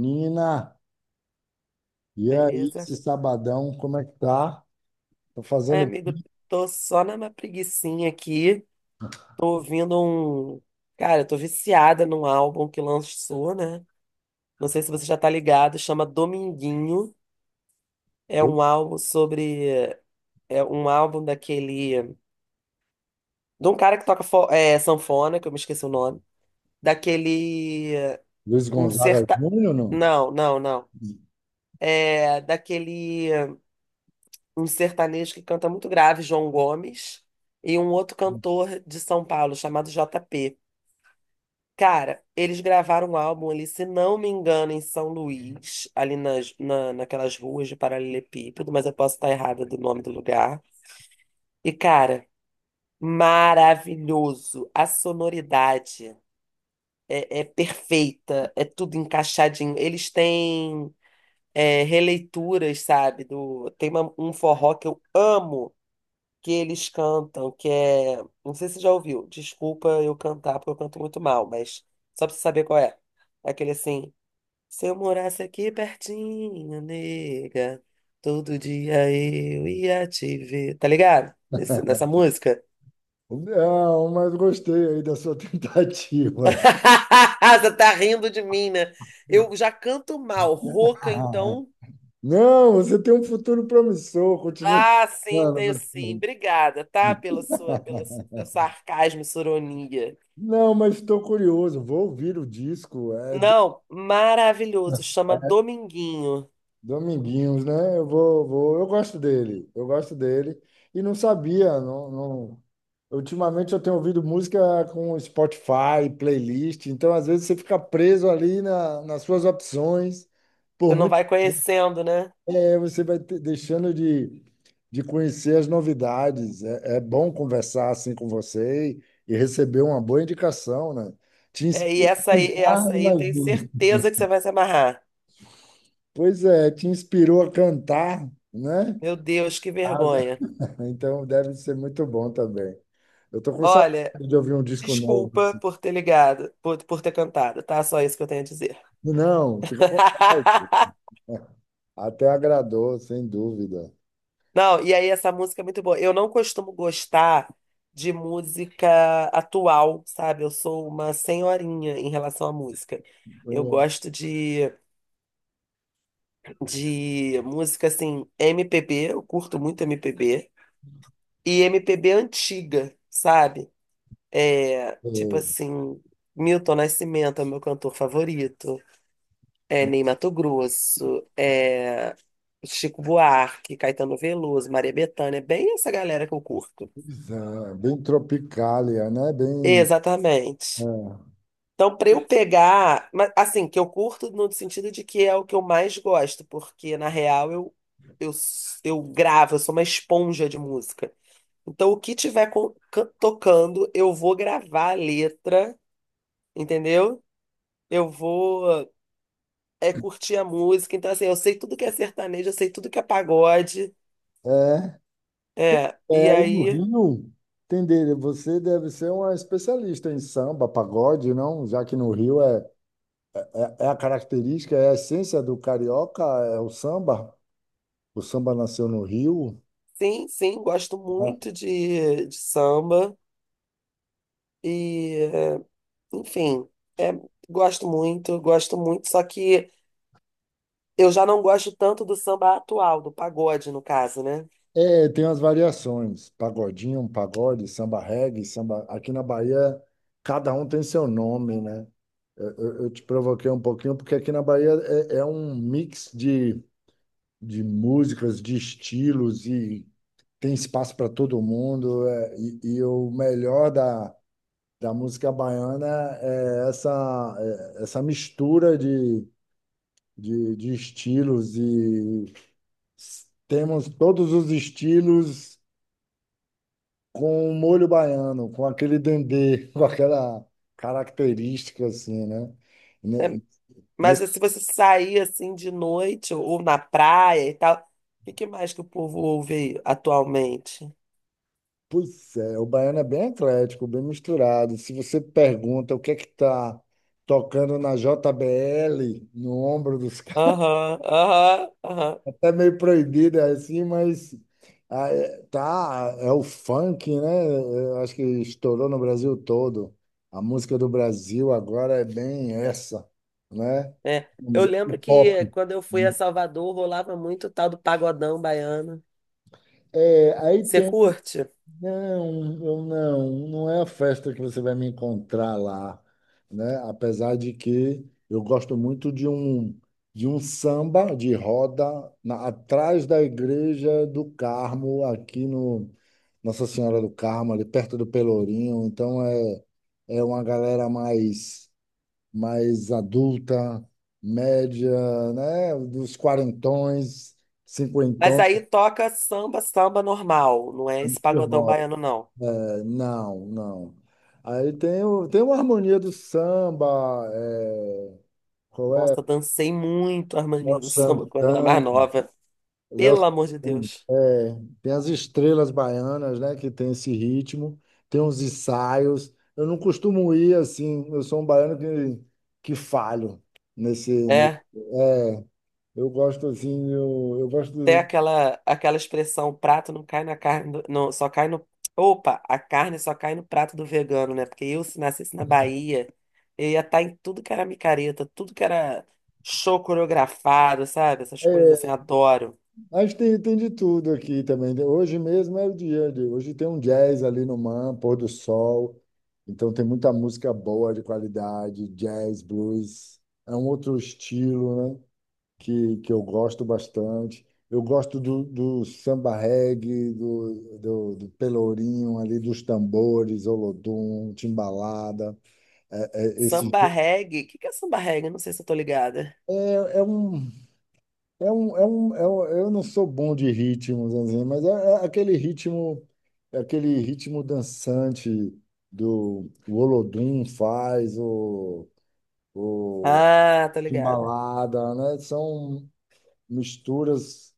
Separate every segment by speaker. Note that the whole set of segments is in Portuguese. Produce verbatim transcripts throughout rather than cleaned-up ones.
Speaker 1: Nina, e aí,
Speaker 2: Beleza?
Speaker 1: esse sabadão, como é que tá? Tô
Speaker 2: Ai,
Speaker 1: fazendo
Speaker 2: amigo,
Speaker 1: pico.
Speaker 2: tô só na minha preguicinha aqui. Tô ouvindo um. Cara, eu tô viciada num álbum que lançou, né? Não sei se você já tá ligado, chama Dominguinho. É um álbum sobre. É um álbum daquele. De um cara que toca fo- é, sanfona, que eu me esqueci o nome. Daquele.
Speaker 1: Luiz
Speaker 2: Um
Speaker 1: Gonzaga
Speaker 2: serta.
Speaker 1: Júnior, não?
Speaker 2: Não, não, não. É daquele. Um sertanejo que canta muito grave, João Gomes. E um outro cantor de São Paulo, chamado J P. Cara, eles gravaram um álbum ali, se não me engano, em São Luís, ali nas, na, naquelas ruas de Paralelepípedo, mas eu posso estar errada do nome do lugar. E, cara, maravilhoso. A sonoridade é, é perfeita, é tudo encaixadinho. Eles têm é, releituras, sabe? Do, tem uma- um forró que eu amo que eles cantam, que é. Não sei se você já ouviu. Desculpa eu cantar, porque eu canto muito mal, mas só pra você saber qual é. É aquele assim. Se eu morasse aqui pertinho, nega, todo dia eu ia te ver. Tá ligado? Nesse- nessa música?
Speaker 1: Não, mas gostei aí da sua tentativa.
Speaker 2: Você tá rindo de mim, né? Eu já canto mal, rouca, então.
Speaker 1: Não, você tem um futuro promissor, continue.
Speaker 2: Ah, sim, tenho
Speaker 1: Tentando.
Speaker 2: sim. Obrigada, tá? Pela sua, pela sua, pelo sarcasmo, sua ironia.
Speaker 1: Não, mas estou curioso, vou ouvir o disco.
Speaker 2: Não, maravilhoso. Chama Dominguinho.
Speaker 1: Dominguinhos, né? Eu vou, vou, eu gosto dele, eu gosto dele. E não sabia, não, não... Ultimamente eu tenho ouvido música com Spotify, playlist, então às vezes você fica preso ali na, nas suas opções. Por
Speaker 2: Você não
Speaker 1: muito
Speaker 2: vai conhecendo, né?
Speaker 1: é, você vai te- deixando de, de conhecer as novidades. É, é bom conversar assim com você e, e receber uma boa indicação, né? Te
Speaker 2: É, e
Speaker 1: inspira a
Speaker 2: essa aí,
Speaker 1: cantar,
Speaker 2: essa aí eu tenho
Speaker 1: imagina.
Speaker 2: certeza que você vai se amarrar.
Speaker 1: Pois é, te inspirou a cantar, né?
Speaker 2: Meu Deus, que vergonha.
Speaker 1: Então deve ser muito bom também. Eu tô com
Speaker 2: Olha,
Speaker 1: saudade de ouvir um disco novo,
Speaker 2: desculpa
Speaker 1: assim.
Speaker 2: por ter ligado, por, por ter cantado, tá? Só isso que eu tenho a dizer.
Speaker 1: Não, fica à vontade. Até agradou, sem dúvida.
Speaker 2: Não, e aí essa música é muito boa. Eu não costumo gostar de música atual, sabe? Eu sou uma senhorinha em relação à música. Eu
Speaker 1: Bem,
Speaker 2: gosto de, de música assim, M P B, eu curto muito M P B, e M P B antiga, sabe? É,
Speaker 1: é,
Speaker 2: tipo assim, Milton Nascimento é o meu cantor favorito. É, Ney Matogrosso, é, Chico Buarque, Caetano Veloso, Maria Bethânia, bem essa galera que eu curto.
Speaker 1: pois é, bem tropicália, né? Bem,
Speaker 2: Exatamente. Então, para eu pegar, mas, assim, que eu curto no sentido de que é o que eu mais gosto, porque na real eu, eu, s- eu gravo, eu sou uma esponja de música. Então, o que tiver co- can- tocando, eu vou gravar a letra, entendeu? Eu vou é, curtir a música. Então, assim, eu sei tudo que é sertanejo, eu sei tudo que é pagode.
Speaker 1: é, é,
Speaker 2: É, e
Speaker 1: é, aí no
Speaker 2: aí,
Speaker 1: Rio, entender, você deve ser uma especialista em samba, pagode, não? Já que no Rio é, é a característica, é a essência do carioca, é o samba. O samba nasceu no Rio,
Speaker 2: sim, sim, gosto
Speaker 1: né?
Speaker 2: muito de, de samba e, eh, enfim, é, gosto muito, gosto muito, só que eu já não gosto tanto do samba atual, do pagode, no caso, né?
Speaker 1: É, tem umas variações, pagodinho, um pagode, samba reggae, samba... Aqui na Bahia, cada um tem seu nome, né? Eu, eu- eu te provoquei um pouquinho, porque aqui na Bahia é, é um mix de, de músicas, de estilos, e tem espaço para todo mundo. É, e, e o melhor da, da música baiana é essa, é essa mistura de, de, de estilos, e temos todos os estilos com o molho baiano, com aquele dendê, com aquela característica assim, né?
Speaker 2: É,
Speaker 1: Ne-
Speaker 2: mas
Speaker 1: Nesse,
Speaker 2: se você sair, assim, de noite ou na praia e tal, o que que mais que o povo ouve aí atualmente?
Speaker 1: Pois é, o baiano é bem eclético, bem misturado. Se você pergunta o que é que tá tocando na J B L, no ombro dos caras,
Speaker 2: Aham, aham, aham,
Speaker 1: até meio proibido é assim, mas ah, é- tá, é o funk, né? Eu acho que estourou no Brasil todo. A música do Brasil agora é bem essa, né?
Speaker 2: é. Eu lembro
Speaker 1: O
Speaker 2: que
Speaker 1: pop.
Speaker 2: quando eu fui a Salvador, rolava muito o tal do pagodão baiano.
Speaker 1: É, aí
Speaker 2: Você
Speaker 1: tem,
Speaker 2: curte?
Speaker 1: não, eu não, não é a festa que você vai me encontrar lá, né? Apesar de que eu gosto muito de um de um samba de roda na- atrás da igreja do Carmo, aqui no Nossa Senhora do Carmo, ali perto do Pelourinho. Então é é uma galera mais mais adulta, média, né? Dos quarentões,
Speaker 2: Mas
Speaker 1: cinquentões
Speaker 2: aí toca samba, samba normal, não é esse
Speaker 1: de
Speaker 2: pagodão
Speaker 1: roda.
Speaker 2: baiano, não.
Speaker 1: Não, não. Aí tem, o, tem uma harmonia do samba, é, qual é?
Speaker 2: Nossa, dancei muito a
Speaker 1: Léo
Speaker 2: harmonia do samba quando era
Speaker 1: Santana,
Speaker 2: mais nova.
Speaker 1: Léo
Speaker 2: Pelo amor de
Speaker 1: Santana,
Speaker 2: Deus.
Speaker 1: é, tem as estrelas baianas, né, que tem esse ritmo, tem uns ensaios. Eu não costumo ir assim, eu sou um baiano que, que falho nesse, nesse-
Speaker 2: É,
Speaker 1: é, eu gosto assim, eu, eu
Speaker 2: até
Speaker 1: gosto.
Speaker 2: aquela, aquela expressão, o prato não cai na carne, do- não, só cai no... Opa, a carne só cai no prato do vegano, né? Porque eu, se nascesse na Bahia, eu ia estar em tudo que era micareta, tudo que era show coreografado, sabe? Essas coisas assim, adoro.
Speaker 1: A gente tem, tem de tudo aqui também, né? Hoje mesmo é o dia de. Hoje tem um jazz ali no Man, pôr do sol. Então tem muita música boa, de qualidade, jazz, blues. É um outro estilo, né? Que, que eu gosto bastante. Eu gosto do, do samba reggae, do, do, do pelourinho ali, dos tambores, olodum, timbalada. É, é, esse,
Speaker 2: Samba reggae, o que que é samba reggae? Não sei se eu tô ligada.
Speaker 1: é, é um É um, é um, é um, eu não sou bom de ritmos, assim, mas é, é aquele ritmo, é aquele ritmo dançante do o Olodum faz, o
Speaker 2: Ah, tô ligada.
Speaker 1: balada, né? São misturas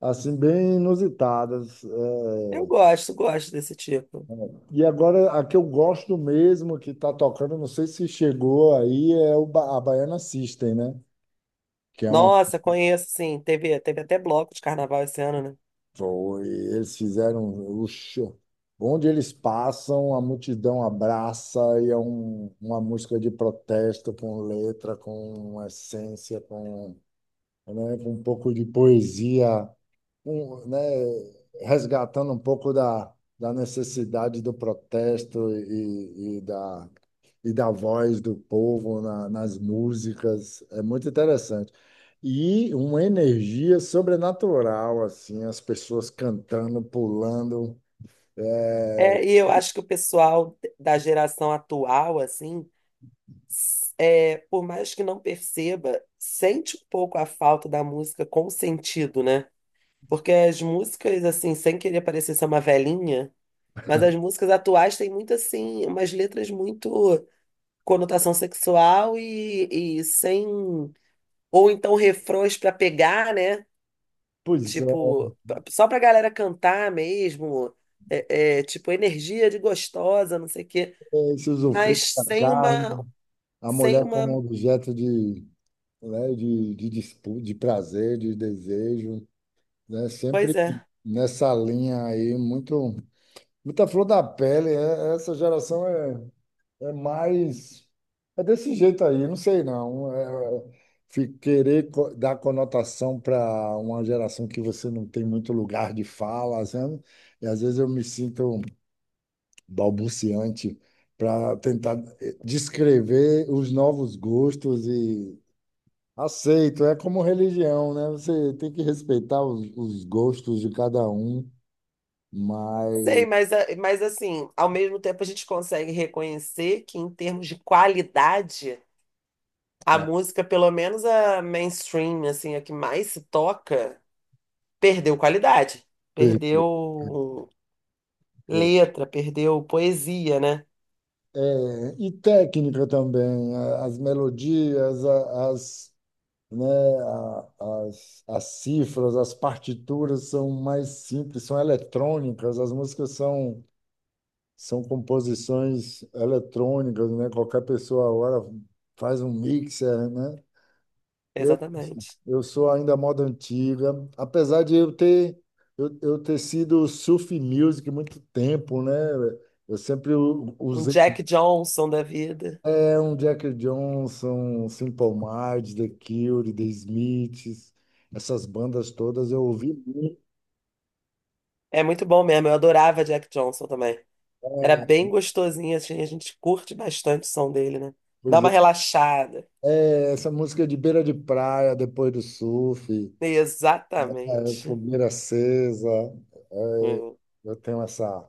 Speaker 1: assim bem inusitadas. É,
Speaker 2: Eu gosto, gosto desse tipo.
Speaker 1: e agora a que eu gosto mesmo que está tocando, não sei se chegou aí, é o ba a Baiana System, né? Que é uma.
Speaker 2: Nossa, conheço, sim. Teve, teve até bloco de carnaval esse ano, né?
Speaker 1: Foi, eles fizeram o show. Onde eles passam, a multidão abraça e é um, uma música de protesto com letra, com essência, com, né, com um pouco de poesia, um, né, resgatando um pouco da, da necessidade do protesto e, e da, e da voz do povo na- nas músicas. É muito interessante. E uma energia sobrenatural, assim, as pessoas cantando, pulando. É,
Speaker 2: É, e eu acho que o pessoal da geração atual, assim, s- é, por mais que não perceba, sente um pouco a falta da música com sentido, né? Porque as músicas, assim, sem querer parecer ser uma velhinha, mas as músicas atuais têm muito, assim, umas letras muito conotação sexual e, e sem. Ou então refrões para pegar, né?
Speaker 1: pois é,
Speaker 2: Tipo, p- só pra galera cantar mesmo, é, é, tipo, energia de gostosa, não sei o quê.
Speaker 1: esse usufruto
Speaker 2: Mas
Speaker 1: da
Speaker 2: sem
Speaker 1: carne,
Speaker 2: uma,
Speaker 1: a
Speaker 2: sem
Speaker 1: mulher como
Speaker 2: uma,
Speaker 1: objeto de, né, de, de, dispu- de prazer, de desejo, né?
Speaker 2: pois
Speaker 1: Sempre
Speaker 2: é.
Speaker 1: nessa linha aí, muito, muita flor da pele. é- Essa geração é. É mais. É desse jeito aí, não sei não. É, fi- querer co- dar conotação para uma geração que você não tem muito lugar de fala, sabe? E às vezes eu me sinto balbuciante para tentar eh, descrever os novos gostos e aceito. É como religião, né? Você tem que respeitar os, os gostos de cada um,
Speaker 2: Sei,
Speaker 1: mas.
Speaker 2: mas, a- mas assim, ao mesmo tempo a gente consegue reconhecer que em termos de qualidade, a música, pelo menos a mainstream, assim, a que mais se toca, perdeu qualidade.
Speaker 1: Per-
Speaker 2: Perdeu
Speaker 1: per-
Speaker 2: letra, perdeu poesia, né?
Speaker 1: É, e técnica também, a- as melodias, a- as, né, a- as, as cifras, as partituras são mais simples, são eletrônicas, as músicas são, são composições eletrônicas, né? Qualquer pessoa agora faz um mixer, né? Eu,
Speaker 2: Exatamente.
Speaker 1: eu sou ainda moda antiga, apesar de eu ter, eu, eu ter sido surf music muito tempo, né? Eu sempre u-
Speaker 2: Um
Speaker 1: usei.
Speaker 2: Jack Johnson da vida.
Speaker 1: É um Jack Johnson, Simple Minds, The Cure, The Smiths, essas bandas todas eu ouvi muito.
Speaker 2: É muito bom mesmo. Eu adorava Jack Johnson também. Era
Speaker 1: É,
Speaker 2: bem gostosinho, assim. A gente curte bastante o som dele, né? Dá
Speaker 1: pois
Speaker 2: uma
Speaker 1: é.
Speaker 2: relaxada.
Speaker 1: É, essa música de beira de praia, depois do surf, né? É,
Speaker 2: Exatamente.
Speaker 1: fogueira acesa, é,
Speaker 2: Hum.
Speaker 1: eu tenho essa,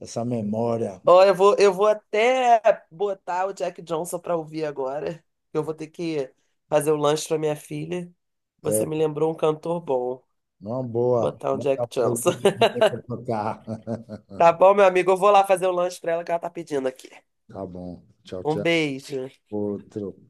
Speaker 1: essa memória.
Speaker 2: Ó, eu vou, eu vou até botar o Jack Johnson pra ouvir agora. Eu vou ter que fazer o lanche pra minha filha. Você
Speaker 1: É,
Speaker 2: me lembrou um cantor bom.
Speaker 1: uma boa,
Speaker 2: Botar um Jack
Speaker 1: botar pra
Speaker 2: Johnson.
Speaker 1: tocar.
Speaker 2: Tá bom, meu amigo? Eu vou lá fazer o lanche pra ela que ela tá pedindo aqui.
Speaker 1: Tá bom, tchau,
Speaker 2: Um
Speaker 1: tchau.
Speaker 2: beijo.
Speaker 1: Outro.